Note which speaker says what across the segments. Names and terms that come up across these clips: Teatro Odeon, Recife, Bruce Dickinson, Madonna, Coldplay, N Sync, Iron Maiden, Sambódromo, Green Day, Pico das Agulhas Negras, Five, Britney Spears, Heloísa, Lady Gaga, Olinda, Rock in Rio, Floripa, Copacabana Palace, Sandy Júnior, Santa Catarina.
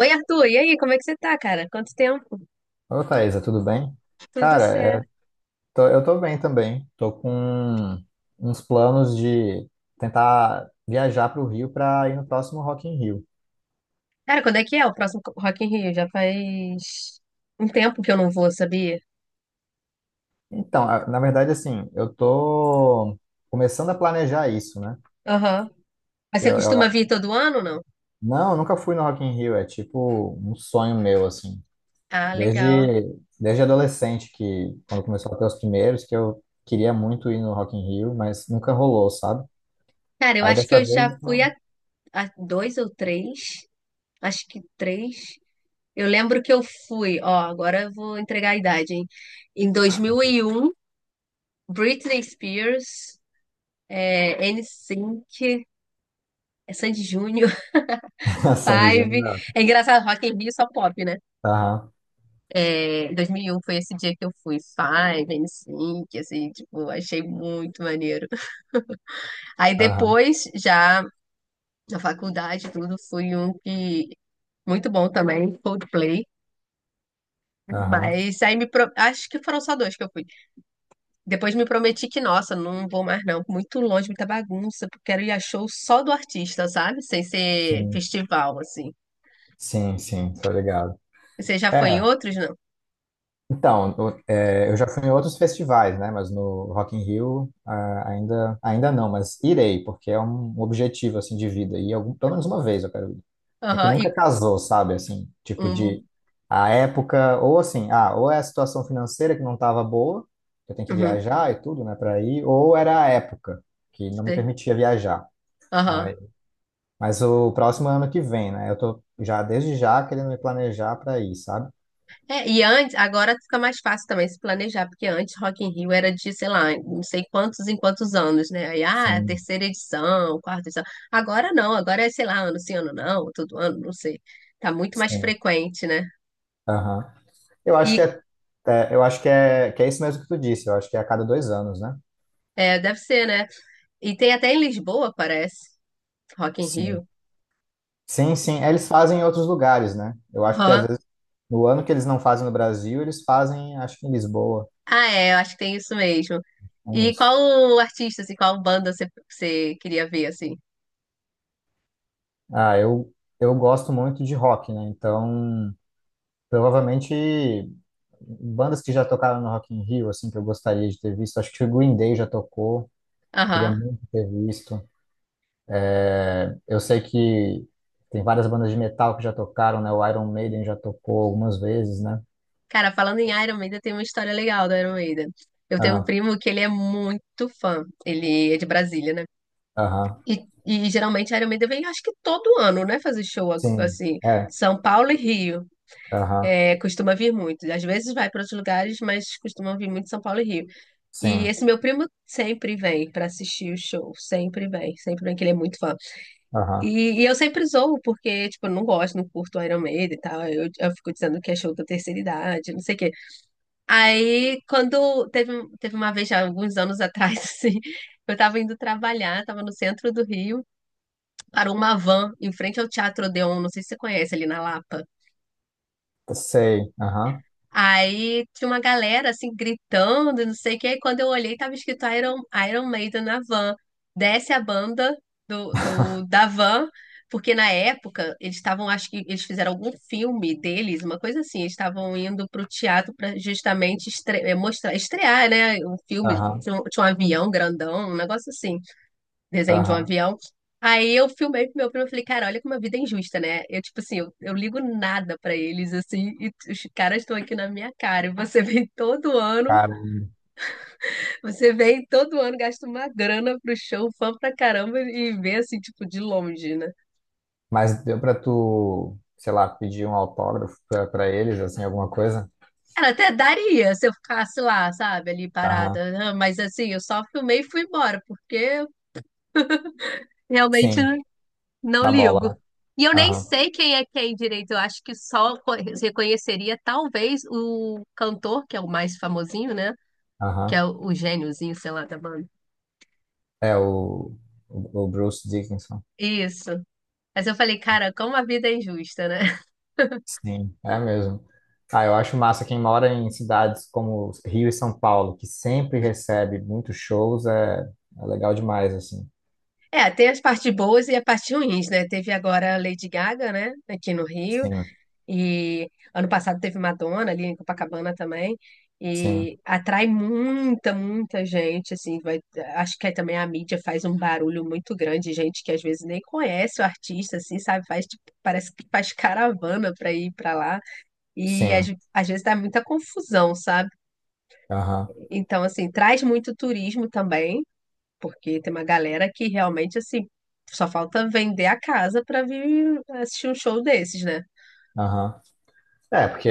Speaker 1: Oi, Arthur, e aí, como é que você tá, cara? Quanto tempo?
Speaker 2: Ô, Thaisa, tudo bem?
Speaker 1: Tudo
Speaker 2: Cara, é,
Speaker 1: certo.
Speaker 2: eu tô bem também. Tô com uns planos de tentar viajar para o Rio para ir no próximo Rock in Rio.
Speaker 1: Cara, quando é que é o próximo Rock in Rio? Já faz um tempo que eu não vou, sabia?
Speaker 2: Então, na verdade, assim, eu tô começando a planejar isso, né?
Speaker 1: Aham. Mas você
Speaker 2: Eu,
Speaker 1: costuma
Speaker 2: eu-
Speaker 1: vir todo ano, ou não?
Speaker 2: não, eu nunca fui no Rock in Rio, é tipo um sonho meu, assim.
Speaker 1: Ah, legal.
Speaker 2: Desde adolescente, que quando começou a ter os primeiros, que eu queria muito ir no Rock in Rio, mas nunca rolou, sabe?
Speaker 1: Cara, eu
Speaker 2: Aí
Speaker 1: acho que
Speaker 2: dessa
Speaker 1: eu já
Speaker 2: vez, eu tô-
Speaker 1: fui a dois ou três. Acho que três. Eu lembro que eu fui, ó, agora eu vou entregar a idade, hein? Em 2001, Britney Spears, é, N Sync, é Sandy Júnior,
Speaker 2: Sandy
Speaker 1: Five.
Speaker 2: Júnior,
Speaker 1: É engraçado, Rock in Rio é só pop, né?
Speaker 2: aham.
Speaker 1: É, 2001 foi esse dia que eu fui Five, NSYNC, assim, tipo, achei muito maneiro. Aí
Speaker 2: Aham,
Speaker 1: depois, já na faculdade, tudo, fui um que muito bom também, Coldplay.
Speaker 2: aham,
Speaker 1: Mas aí acho que foram só dois que eu fui. Depois me prometi que, nossa, não vou mais não, muito longe, muita bagunça, porque quero ir a show só do artista, sabe? Sem ser
Speaker 2: sim,
Speaker 1: festival, assim.
Speaker 2: sim, tô ligado.
Speaker 1: Você já foi em
Speaker 2: É,
Speaker 1: outros, não?
Speaker 2: eu já fui em outros festivais, né, mas no Rock in Rio ah, ainda não, mas irei, porque é um objetivo, assim, de vida, e algum, pelo menos uma vez eu quero ir. É que
Speaker 1: Aham,
Speaker 2: nunca
Speaker 1: e
Speaker 2: casou, sabe, assim, tipo
Speaker 1: um.
Speaker 2: de, a época, ou assim, ah, ou é a situação financeira que não tava boa, eu tenho que
Speaker 1: Uhum.
Speaker 2: viajar e tudo, né, para ir, ou era a época que não me
Speaker 1: Sei.
Speaker 2: permitia viajar.
Speaker 1: Aham.
Speaker 2: Mas o próximo ano que vem, né? Eu tô já desde já querendo me planejar para ir, sabe?
Speaker 1: É, e antes, agora fica mais fácil também se planejar, porque antes Rock in Rio era de, sei lá, não sei quantos em quantos anos, né? Aí, ah,
Speaker 2: Sim,
Speaker 1: terceira edição, quarta edição. Agora não, agora é, sei lá, ano sim, ano não, todo ano, não sei. Tá muito mais
Speaker 2: sim.
Speaker 1: frequente, né?
Speaker 2: Aham. Eu acho que
Speaker 1: E
Speaker 2: é, é, eu acho que é, Que é isso mesmo que tu disse. Eu acho que é a cada dois anos, né?
Speaker 1: é, deve ser, né? E tem até em Lisboa, parece, Rock in
Speaker 2: Sim.
Speaker 1: Rio.
Speaker 2: Sim, sim. É, eles fazem em outros lugares, né? Eu acho que às
Speaker 1: Aham.
Speaker 2: vezes no ano que eles não fazem no Brasil, eles fazem, acho que em Lisboa.
Speaker 1: Ah, é, eu acho que tem isso mesmo.
Speaker 2: É
Speaker 1: E
Speaker 2: isso.
Speaker 1: qual banda você queria ver, assim?
Speaker 2: Ah, eu gosto muito de rock, né? Então, provavelmente bandas que já tocaram no Rock in Rio, assim, que eu gostaria de ter visto. Acho que o Green Day já tocou. Queria
Speaker 1: Aham.
Speaker 2: muito ter visto. É, eu sei que tem várias bandas de metal que já tocaram, né? O Iron Maiden já tocou algumas vezes, né?
Speaker 1: Cara, falando em Iron Maiden, tem uma história legal do Iron Maiden. Eu tenho um
Speaker 2: Ah,
Speaker 1: primo que ele é muito fã. Ele é de Brasília, né?
Speaker 2: aham.
Speaker 1: E geralmente Iron Maiden vem, acho que todo ano, né? Fazer
Speaker 2: Sim.
Speaker 1: assim.
Speaker 2: É.
Speaker 1: São Paulo e Rio.
Speaker 2: Aham.
Speaker 1: É, costuma vir muito. Às vezes vai para outros lugares, mas costuma vir muito São Paulo e Rio. E
Speaker 2: Sim.
Speaker 1: esse meu primo sempre vem para assistir o show. Sempre vem. Sempre vem, que ele é muito fã.
Speaker 2: Aham.
Speaker 1: E eu sempre zoo, porque, tipo, eu não gosto, não curto Iron Maiden e tal. Eu fico dizendo que é show da terceira idade, não sei o quê. Aí, teve uma vez, já alguns anos atrás, assim, eu tava indo trabalhar, tava no centro do Rio, parou uma van em frente ao Teatro Odeon, não sei se você conhece, ali na Lapa.
Speaker 2: Sei. Aham.
Speaker 1: Aí tinha uma galera assim gritando, não sei o que. Aí quando eu olhei, tava escrito Iron, Iron Maiden na van. Desce a banda da van, porque na época eles estavam, acho que eles fizeram algum filme deles, uma coisa assim. Eles estavam indo pro teatro para justamente estrear, né? Um filme,
Speaker 2: Aham.
Speaker 1: tinha um avião grandão, um negócio assim desenho de um
Speaker 2: Aham.
Speaker 1: avião. Aí eu filmei pro meu primo e falei, cara, olha como a vida é injusta, né? Eu, tipo assim, eu ligo nada pra eles, assim, e os caras estão aqui na minha cara. E você vem todo ano,
Speaker 2: Cara,
Speaker 1: você vem todo ano, gasta uma grana pro show, fã pra caramba, e vê assim, tipo, de longe, né?
Speaker 2: mas deu pra tu, sei lá, pedir um autógrafo pra eles, assim, alguma coisa?
Speaker 1: Cara, até daria se eu ficasse lá, sabe, ali
Speaker 2: Aham.
Speaker 1: parada, né? Mas assim, eu só filmei e fui embora, porque realmente
Speaker 2: Sim.
Speaker 1: não
Speaker 2: Da bola.
Speaker 1: ligo.
Speaker 2: Né?
Speaker 1: E eu nem
Speaker 2: Aham.
Speaker 1: sei quem é quem direito. Eu acho que reconheceria talvez o cantor, que é o mais famosinho, né? Que é
Speaker 2: Aham.
Speaker 1: o gêniozinho, sei lá, da banda.
Speaker 2: É o Bruce Dickinson.
Speaker 1: Isso. Mas eu falei, cara, como a vida é injusta, né?
Speaker 2: Sim, é mesmo. Ah, eu acho massa quem mora em cidades como Rio e São Paulo, que sempre recebe muitos shows, é legal demais, assim.
Speaker 1: É, tem as partes boas e as partes ruins, né? Teve agora a Lady Gaga, né? Aqui no Rio.
Speaker 2: Sim,
Speaker 1: E ano passado teve Madonna ali em Copacabana também.
Speaker 2: sim,
Speaker 1: E atrai muita gente, assim, vai, acho que aí também a mídia faz um barulho muito grande, gente que às vezes nem conhece o artista, assim, sabe? Faz, tipo, parece que faz caravana para ir para lá. E às,
Speaker 2: sim.
Speaker 1: às vezes dá muita confusão, sabe?
Speaker 2: Aham,
Speaker 1: Então, assim, traz muito turismo também, porque tem uma galera que realmente, assim, só falta vender a casa para vir assistir um show desses, né?
Speaker 2: aham. É, porque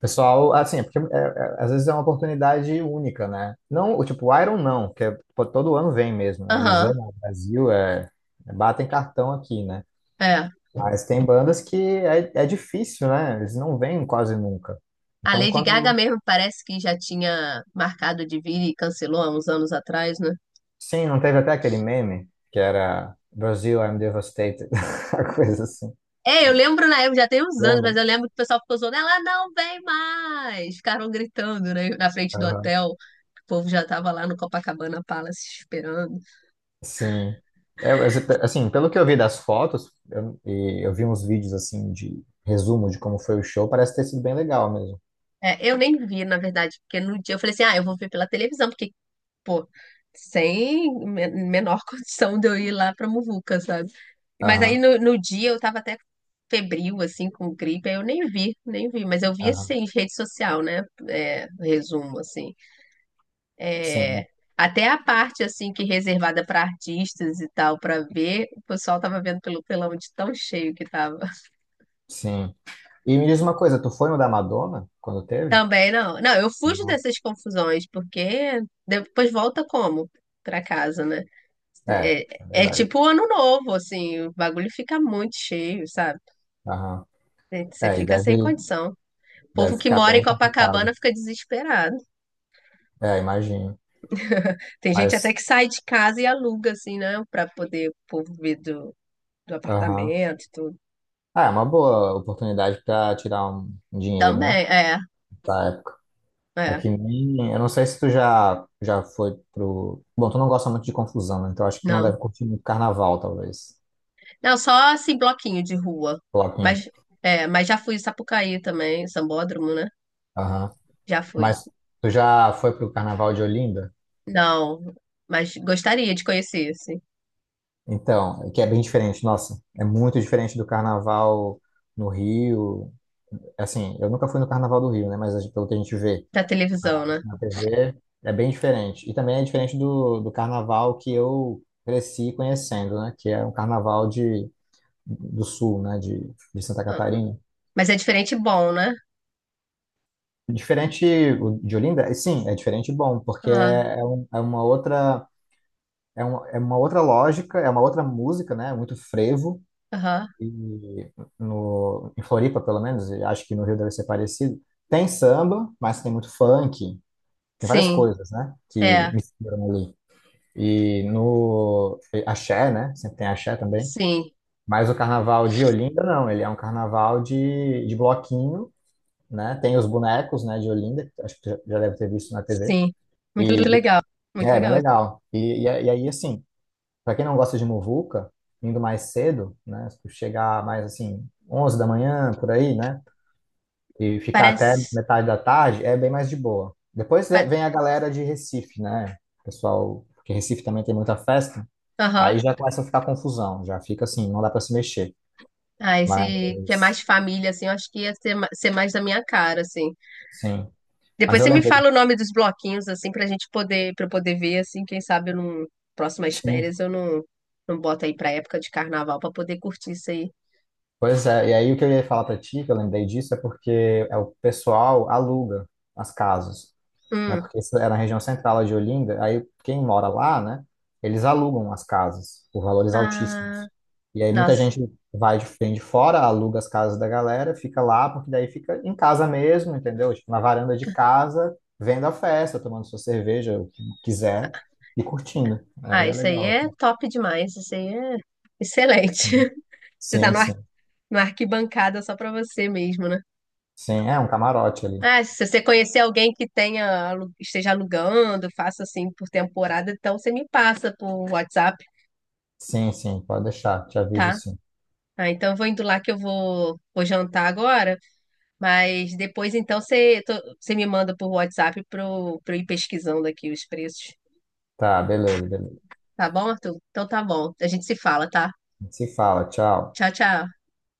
Speaker 2: pessoal, assim, às vezes é uma oportunidade única, né? Não, o tipo, o Iron não, que é, pô, todo ano vem mesmo, né? Eles
Speaker 1: Aham,
Speaker 2: amam o Brasil, batem cartão aqui, né?
Speaker 1: é.
Speaker 2: Mas tem bandas que é difícil, né? Eles não vêm quase nunca.
Speaker 1: A
Speaker 2: Então,
Speaker 1: Lady Gaga
Speaker 2: quando
Speaker 1: mesmo parece que já tinha marcado de vir e cancelou há uns anos atrás, né?
Speaker 2: Sim, não teve até aquele meme que era Brasil, I'm devastated, a coisa assim.
Speaker 1: É, eu lembro na época, já tem uns anos,
Speaker 2: Lembra?
Speaker 1: mas eu lembro que o pessoal ficou zoando, ela não vem mais! Ficaram gritando, né, na frente do
Speaker 2: Aham.
Speaker 1: hotel. O povo já tava lá no Copacabana Palace esperando.
Speaker 2: Sim. É, mas, assim, pelo que eu vi das fotos, e eu vi uns vídeos assim de resumo de como foi o show, parece ter sido bem legal mesmo.
Speaker 1: É, eu nem vi, na verdade, porque no dia eu falei assim, ah, eu vou ver pela televisão, porque pô, sem me- menor condição de eu ir lá pra Muvuca, sabe? Mas aí
Speaker 2: Aham,
Speaker 1: no dia eu tava até febril, assim, com gripe, aí eu nem vi, nem vi, mas eu vi,
Speaker 2: aham.
Speaker 1: assim, rede social, né? É, resumo, assim.
Speaker 2: Sim,
Speaker 1: É, até a parte, assim, que reservada pra artistas e tal, pra ver, o pessoal tava vendo pelo telão de tão cheio que tava.
Speaker 2: sim. E me diz uma coisa, tu foi no da Madonna quando teve?
Speaker 1: Também não. Não, eu fujo
Speaker 2: Não.
Speaker 1: dessas confusões, porque depois volta como? Pra casa, né?
Speaker 2: É,
Speaker 1: É,
Speaker 2: é
Speaker 1: é
Speaker 2: verdade.
Speaker 1: tipo o ano novo, assim, o bagulho fica muito cheio, sabe?
Speaker 2: Aham.
Speaker 1: É, você
Speaker 2: É, e
Speaker 1: fica sem
Speaker 2: deve,
Speaker 1: condição. O povo
Speaker 2: deve
Speaker 1: que
Speaker 2: ficar
Speaker 1: mora em
Speaker 2: bem
Speaker 1: Copacabana
Speaker 2: complicado.
Speaker 1: fica desesperado.
Speaker 2: É, imagino.
Speaker 1: Tem gente até
Speaker 2: Mas,
Speaker 1: que sai de casa e aluga, assim, né? Pra poder o povo vir do
Speaker 2: aham.
Speaker 1: apartamento e tudo.
Speaker 2: Ah, é uma boa oportunidade para tirar um dinheiro, né?
Speaker 1: Também, é,
Speaker 2: Da época. É que
Speaker 1: é.
Speaker 2: nem. Eu não sei se tu já foi pro. Bom, tu não gosta muito de confusão, né? Então acho que tu não deve
Speaker 1: Não.
Speaker 2: curtir muito carnaval, talvez.
Speaker 1: Não, só assim, bloquinho de rua.
Speaker 2: Coloquinho.
Speaker 1: Mas, é, mas já fui em Sapucaí também, Sambódromo, né?
Speaker 2: Aham.
Speaker 1: Já fui.
Speaker 2: Mas tu já foi pro carnaval de Olinda?
Speaker 1: Não, mas gostaria de conhecer, assim,
Speaker 2: Então, que é bem diferente, nossa. É muito diferente do carnaval no Rio. Assim, eu nunca fui no carnaval do Rio, né? Mas pelo que a gente vê.
Speaker 1: da televisão, né?
Speaker 2: TV é bem diferente. E também é diferente do carnaval que eu cresci conhecendo, né? Que é um carnaval de, do sul, né? De Santa
Speaker 1: Ah,
Speaker 2: Catarina.
Speaker 1: mas é diferente e bom, né?
Speaker 2: Diferente o de Olinda, e sim, é diferente e bom, porque
Speaker 1: Ah,
Speaker 2: é, é um- é uma outra, é uma outra lógica, é uma outra música, né? Muito frevo.
Speaker 1: aham.
Speaker 2: E no, em Floripa, pelo menos, e acho que no Rio deve ser parecido. Tem samba, mas tem muito funk. Tem várias
Speaker 1: Sim,
Speaker 2: coisas, né? Que
Speaker 1: é,
Speaker 2: misturam ali. E no. Axé, né? Sempre tem axé também.
Speaker 1: sim,
Speaker 2: Mas o carnaval de Olinda, não. Ele é um carnaval de bloquinho, né? Tem os bonecos, né, de Olinda, que acho que tu já deve ter visto na TV.
Speaker 1: sim. Muito
Speaker 2: E
Speaker 1: legal,
Speaker 2: e
Speaker 1: muito
Speaker 2: é bem
Speaker 1: legal.
Speaker 2: legal. E aí, assim, para quem não gosta de muvuca, indo mais cedo, né? Se tu chegar mais, assim, 11 da manhã, por aí, né? E ficar até
Speaker 1: Parece.
Speaker 2: metade da tarde, é bem mais de boa. Depois vem
Speaker 1: pa-
Speaker 2: vem a galera de Recife, né? Pessoal, porque Recife também tem muita festa. Aí
Speaker 1: Aham.
Speaker 2: já começa a ficar confusão, já fica assim, não dá para se mexer.
Speaker 1: Ah, esse que é
Speaker 2: Mas,
Speaker 1: mais família, assim, eu acho que ia ser, ser mais da minha cara, assim.
Speaker 2: sim. Mas
Speaker 1: Depois
Speaker 2: eu
Speaker 1: você me
Speaker 2: lembrei,
Speaker 1: fala o nome dos bloquinhos, assim, pra gente poder, pra eu poder ver, assim, quem sabe eu não. Próximas
Speaker 2: sim.
Speaker 1: férias eu não, não boto aí pra época de carnaval pra poder curtir isso aí.
Speaker 2: Pois é, e aí o que eu ia falar para ti, que eu lembrei disso, é porque é o pessoal aluga as casas. Né?
Speaker 1: Hum.
Speaker 2: Porque isso é na região central de Olinda, aí quem mora lá, né? Eles alugam as casas por valores
Speaker 1: Ah,
Speaker 2: altíssimos. E aí muita
Speaker 1: nossa.
Speaker 2: gente vem de fora, aluga as casas da galera, fica lá, porque daí fica em casa mesmo, entendeu? Tipo, na varanda de casa, vendo a festa, tomando sua cerveja, o que quiser, e curtindo. Aí
Speaker 1: Ah,
Speaker 2: é
Speaker 1: isso aí
Speaker 2: legal.
Speaker 1: é
Speaker 2: Assim.
Speaker 1: top demais. Isso aí é excelente. Você tá
Speaker 2: Sim,
Speaker 1: no ar-
Speaker 2: sim.
Speaker 1: na arquibancada só pra você mesmo, né?
Speaker 2: Sim, é um camarote ali.
Speaker 1: Ah, se você conhecer alguém que tenha, esteja alugando, faça assim por temporada, então você me passa por WhatsApp,
Speaker 2: Sim, sim, pode deixar, te aviso
Speaker 1: tá?
Speaker 2: sim.
Speaker 1: Ah, então eu vou indo lá que vou jantar agora, mas depois então você me manda por WhatsApp para eu ir pesquisando aqui os preços.
Speaker 2: Tá, beleza, beleza.
Speaker 1: Tá bom, Arthur? Então tá bom. A gente se fala, tá?
Speaker 2: Se fala, tchau.
Speaker 1: Tchau, tchau.